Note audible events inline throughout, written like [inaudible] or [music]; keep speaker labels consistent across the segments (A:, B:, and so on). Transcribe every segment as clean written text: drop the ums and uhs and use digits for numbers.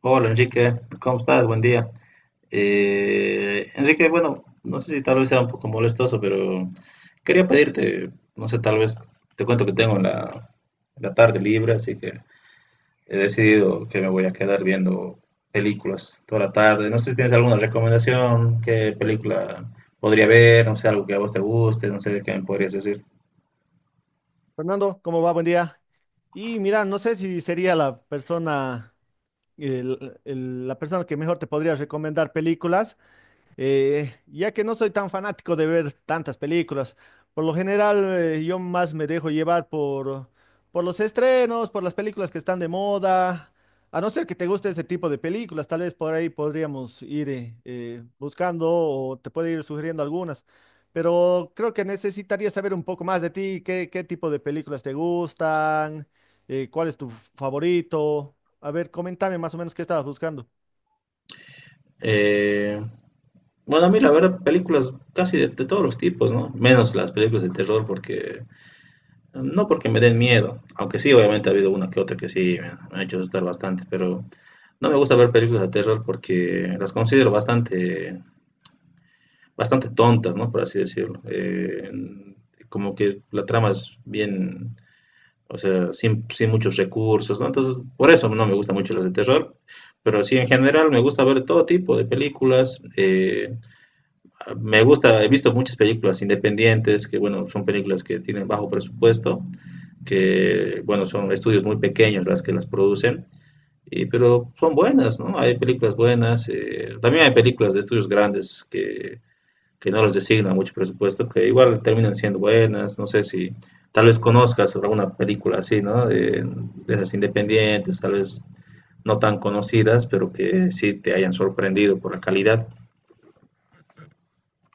A: Hola Enrique, ¿cómo estás? Buen día. Enrique, bueno, no sé si tal vez sea un poco molestoso, pero quería pedirte, no sé, tal vez te cuento que tengo la tarde libre, así que he decidido que me voy a quedar viendo películas toda la tarde. No sé si tienes alguna recomendación, qué película podría ver, no sé, algo que a vos te guste, no sé qué me podrías decir.
B: Fernando, ¿cómo va? Buen día. Y mira, no sé si sería la persona, la persona que mejor te podría recomendar películas, ya que no soy tan fanático de ver tantas películas. Por lo general yo más me dejo llevar por los estrenos, por las películas que están de moda. A no ser que te guste ese tipo de películas, tal vez por ahí podríamos ir buscando o te puedo ir sugiriendo algunas, pero creo que necesitaría saber un poco más de ti, qué tipo de películas te gustan, cuál es tu favorito. A ver, coméntame más o menos qué estabas buscando.
A: Eh, bueno, a mí la verdad, películas casi de todos los tipos, ¿no? Menos las películas de terror porque... No porque me den miedo, aunque sí, obviamente ha habido una que otra que sí me ha hecho asustar bastante, pero no me gusta ver películas de terror porque las considero bastante, bastante tontas, ¿no? Por así decirlo. Como que la trama es bien, o sea, sin muchos recursos, ¿no? Entonces, por eso no me gustan mucho las de terror, pero sí, en general me gusta ver todo tipo de películas. Me gusta, he visto muchas películas independientes, que bueno, son películas que tienen bajo presupuesto, que, bueno, son estudios muy pequeños las que las producen, y, pero son buenas, ¿no? Hay películas buenas, también hay películas de estudios grandes que no les designan mucho presupuesto, que igual terminan siendo buenas, no sé si tal vez conozcas alguna película así, ¿no? De esas independientes, tal vez no tan conocidas, pero que sí te hayan sorprendido por la calidad.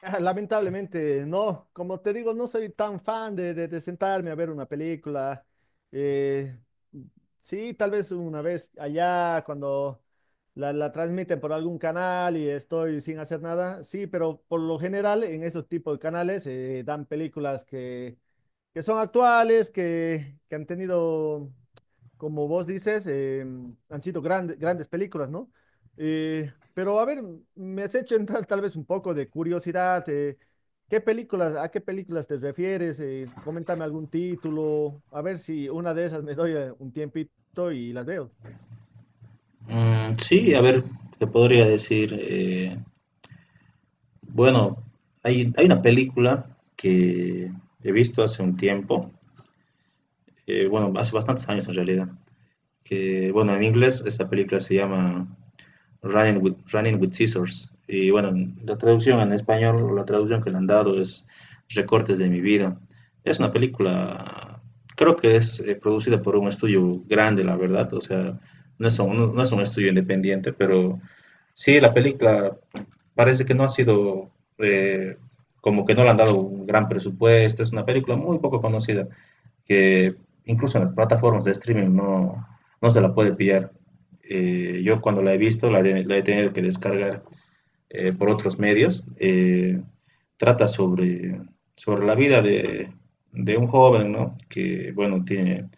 B: Ah, lamentablemente, no. Como te digo, no soy tan fan de, de sentarme a ver una película. Eh, sí, tal vez una vez allá cuando la transmiten por algún canal y estoy sin hacer nada. Sí, pero por lo general en esos tipos de canales dan películas que son actuales, que han tenido, como vos dices, han sido grandes películas, ¿no? Pero a ver, me has hecho entrar tal vez un poco de curiosidad. ¿Qué películas, a qué películas te refieres? Coméntame algún título, a ver si una de esas me doy un tiempito y las veo.
A: Mm, sí, a ver, te podría decir, bueno, hay una película que he visto hace un tiempo, bueno, hace bastantes años en realidad, que, bueno, en inglés esta película se llama running with Scissors. Y bueno, la traducción que le han dado es Recortes de mi vida. Es una película, creo que es producida por un estudio grande, la verdad. O sea, no es, un, no es un estudio independiente, pero sí, la película parece que no ha sido, eh, como que no le han dado un gran presupuesto. Es una película muy poco conocida, que incluso en las plataformas de streaming no, no se la puede pillar. Yo cuando la he visto, la, la he tenido que descargar por otros medios. Trata sobre, sobre la vida de un joven, ¿no? Que, bueno, tiene,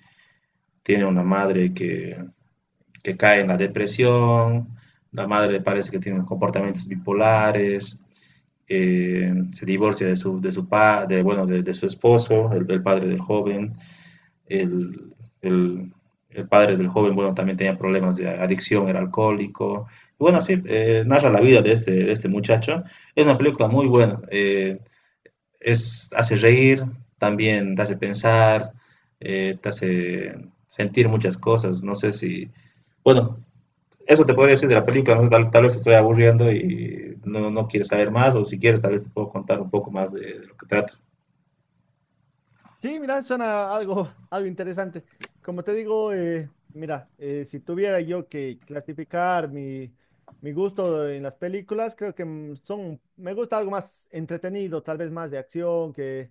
A: tiene una madre que cae en la depresión, la madre parece que tiene comportamientos bipolares, se divorcia de su, de, bueno, de su esposo, el padre del joven, el, el, el padre del joven, bueno, también tenía problemas de adicción, era alcohólico. Bueno, sí, narra la vida de este muchacho. Es una película muy buena. Es, hace reír, también te hace pensar, te hace sentir muchas cosas. No sé si, bueno, eso te podría decir de la película, no sé, tal vez te estoy aburriendo y no, no quieres saber más, o si quieres, tal vez te puedo contar un poco más de lo que trata.
B: Sí, mira, suena algo, [laughs] algo interesante. Como te digo, mira, si tuviera yo que clasificar mi, mi gusto en las películas, creo que son, me gusta algo más entretenido, tal vez más de acción, que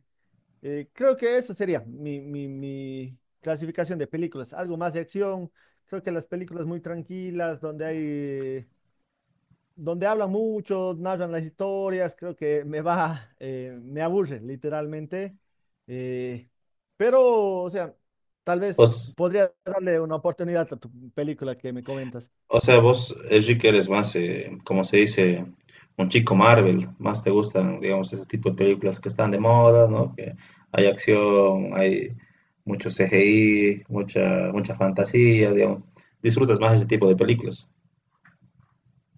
B: creo que eso sería mi clasificación de películas, algo más de acción. Creo que las películas muy tranquilas, donde hay donde hablan mucho, narran las historias, creo que me va, [laughs] me aburre literalmente. Eh, pero, o sea, tal vez
A: Pues,
B: podría darle una oportunidad a tu película que me comentas.
A: o sea, vos, Enrique, eres más, como se dice, un chico Marvel. Más te gustan, digamos, ese tipo de películas que están de moda, ¿no? Que hay acción, hay mucho CGI, mucha, mucha fantasía, digamos. Disfrutas más ese tipo de películas.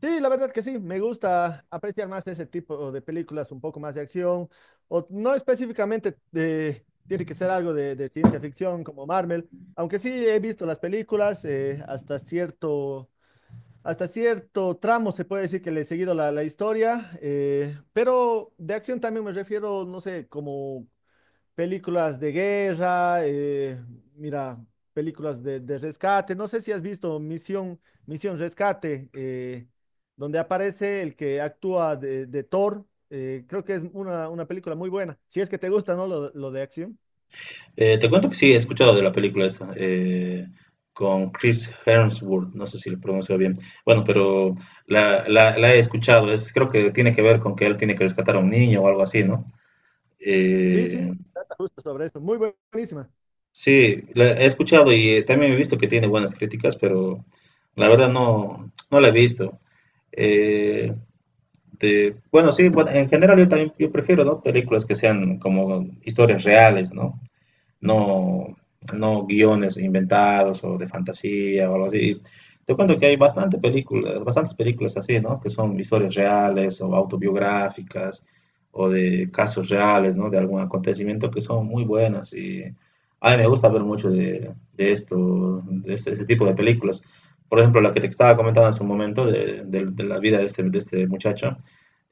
B: Sí, la verdad que sí, me gusta apreciar más ese tipo de películas, un poco más de acción, o no específicamente tiene que ser algo de ciencia ficción como Marvel, aunque sí he visto las películas hasta cierto, hasta cierto tramo se puede decir que le he seguido la historia, pero de acción también me refiero, no sé, como películas de guerra, mira, películas de rescate, no sé si has visto Misión, Misión Rescate, donde aparece el que actúa de Thor. Creo que es una película muy buena, si es que te gusta, ¿no? Lo de acción.
A: Te cuento que sí, he escuchado de la película esta, con Chris Hemsworth, no sé si lo pronuncio bien. Bueno, pero la he escuchado, es, creo que tiene que ver con que él tiene que rescatar a un niño o algo así, ¿no?
B: Sí,
A: Eh,
B: sí, trata justo sobre eso, muy buenísima.
A: sí, la he escuchado y también he visto que tiene buenas críticas, pero la verdad no, no la he visto. Eh, de, bueno, sí, bueno, en general yo también yo prefiero, ¿no? Películas que sean como historias reales, ¿no? No, no guiones inventados o de fantasía o algo así. Te cuento que hay bastante películas, bastantes películas así, ¿no? Que son historias reales o autobiográficas o de casos reales, ¿no? De algún acontecimiento que son muy buenas y a mí me gusta ver mucho de esto, este tipo de películas. Por ejemplo, la que te estaba comentando en su momento de la vida de este muchacho,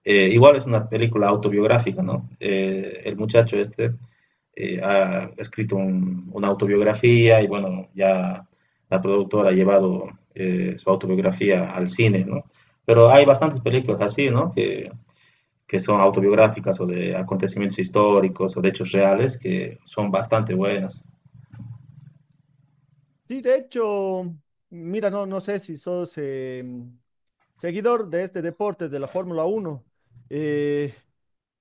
A: igual es una película autobiográfica, ¿no? El muchacho este ha escrito una autobiografía y bueno, ya la productora ha llevado su autobiografía al cine, ¿no? Pero hay bastantes películas así, ¿no? Que son autobiográficas o de acontecimientos históricos o de hechos reales que son bastante buenas.
B: Sí, de hecho, mira, no, no sé si sos... seguidor de este deporte, de la Fórmula 1. eh,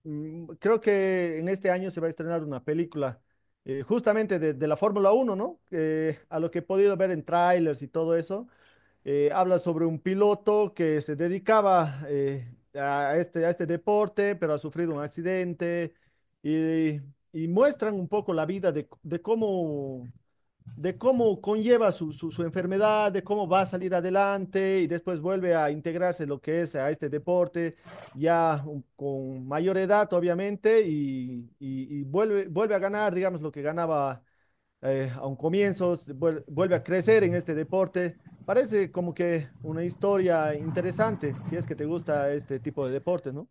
B: Creo que en este año se va a estrenar una película justamente de la Fórmula 1, ¿no? A lo que he podido ver en trailers y todo eso, habla sobre un piloto que se dedicaba a este deporte, pero ha sufrido un accidente y, y muestran un poco la vida de cómo, de cómo conlleva su, su, su enfermedad, de cómo va a salir adelante y después vuelve a integrarse lo que es a este deporte, ya con mayor edad, obviamente, y vuelve, vuelve a ganar, digamos, lo que ganaba a un comienzo, vuelve a crecer en este deporte. Parece como que una historia interesante, si es que te gusta este tipo de deportes, ¿no?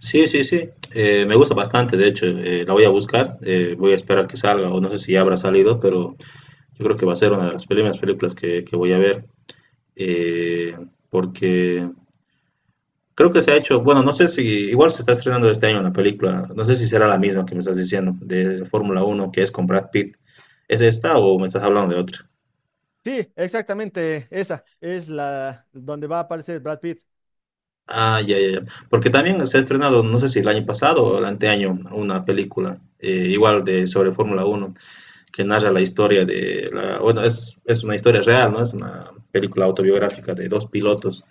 A: Sí, sí, sí. Me gusta bastante, de hecho. La voy a buscar. Voy a esperar que salga o no sé si ya habrá salido, pero yo creo que va a ser una de las primeras películas que voy a ver. eh, porque creo que se ha hecho, bueno, no sé si, igual se está estrenando este año la película, no sé si será la misma que me estás diciendo, de Fórmula Uno que es con Brad Pitt. ¿Es esta o me estás hablando de otra?
B: Sí, exactamente esa es la donde va a aparecer Brad Pitt.
A: Ah, ya, ya, ya. Porque también se ha estrenado, no sé si el año pasado o el anteaño, una película igual de sobre Fórmula Uno que narra la historia de, la, bueno, es una historia real, ¿no? Es una película autobiográfica de dos pilotos.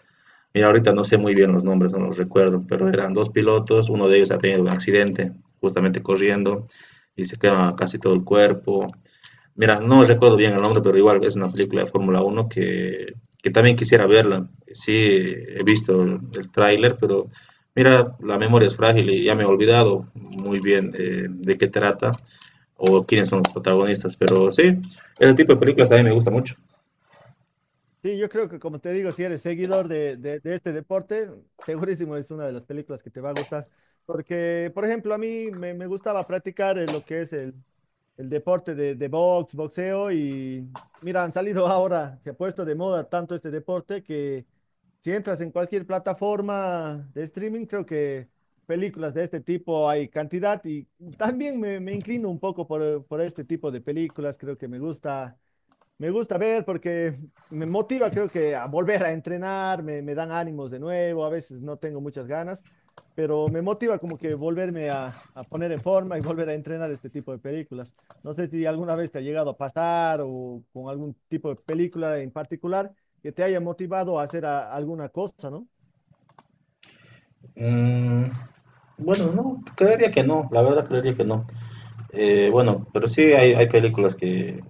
A: Mira, ahorita no sé muy bien los nombres, no los recuerdo, pero eran dos pilotos, uno de ellos ha tenido un accidente justamente corriendo y se quema casi todo el cuerpo. Mira, no recuerdo bien el nombre, pero igual es una película de Fórmula Uno que también quisiera verla. Sí, he visto el tráiler, pero mira, la memoria es frágil y ya me he olvidado muy bien de qué trata o quiénes son los protagonistas, pero sí, ese tipo de películas también me gusta mucho.
B: Sí, yo creo que como te digo, si eres seguidor de, de este deporte, segurísimo es una de las películas que te va a gustar. Porque, por ejemplo, a mí me, me gustaba practicar lo que es el deporte de box, boxeo, y mira, han salido [laughs] ahora, se ha puesto de moda tanto este deporte que si entras en cualquier plataforma de streaming, creo que películas de este tipo hay cantidad, y también me inclino un poco por este tipo de películas, creo que me gusta. Me gusta ver porque me motiva, creo que a volver a entrenar, me dan ánimos de nuevo, a veces no tengo muchas ganas, pero me motiva como que volverme a poner en forma y volver a entrenar este tipo de películas. No sé si alguna vez te ha llegado a pasar o con algún tipo de película en particular que te haya motivado a hacer alguna cosa, ¿no?
A: Mm, bueno, no, creería que no, la verdad creería que no. Bueno, pero sí hay películas que,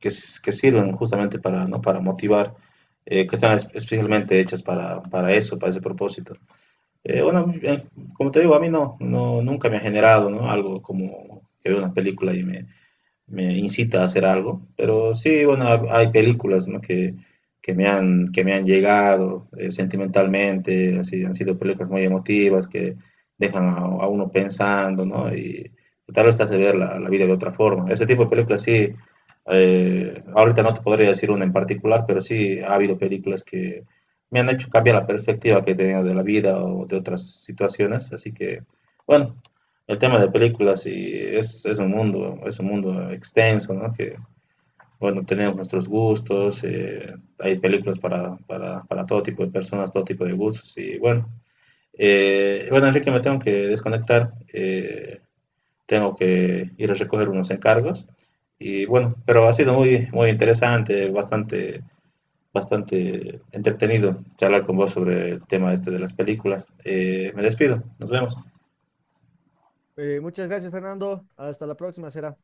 A: que sirven justamente para, ¿no? Para motivar, que están especialmente hechas para eso, para ese propósito. Eh, bueno, eh, como te digo, a mí no, no, nunca me ha generado, ¿no? Algo como que veo una película y me incita a hacer algo. Pero sí, bueno, hay películas, ¿no? Que, que me han llegado sentimentalmente, así, han sido películas muy emotivas que dejan a uno pensando, ¿no? Y tal vez te hace ver la vida de otra forma. Ese tipo de películas sí, ahorita no te podría decir una en particular, pero sí ha habido películas que me han hecho cambiar la perspectiva que tenía de la vida o de otras situaciones, así que, bueno. El tema de películas y es un mundo extenso, ¿no? Que, bueno, tenemos nuestros gustos, hay películas para, para todo tipo de personas, todo tipo de gustos y bueno. Bueno, Enrique, me tengo que desconectar, tengo que ir a recoger unos encargos y bueno, pero ha sido muy, muy interesante, bastante, bastante entretenido charlar con vos sobre el tema este de las películas. Me despido, nos vemos.
B: Muchas gracias, Fernando. Hasta la próxima, será.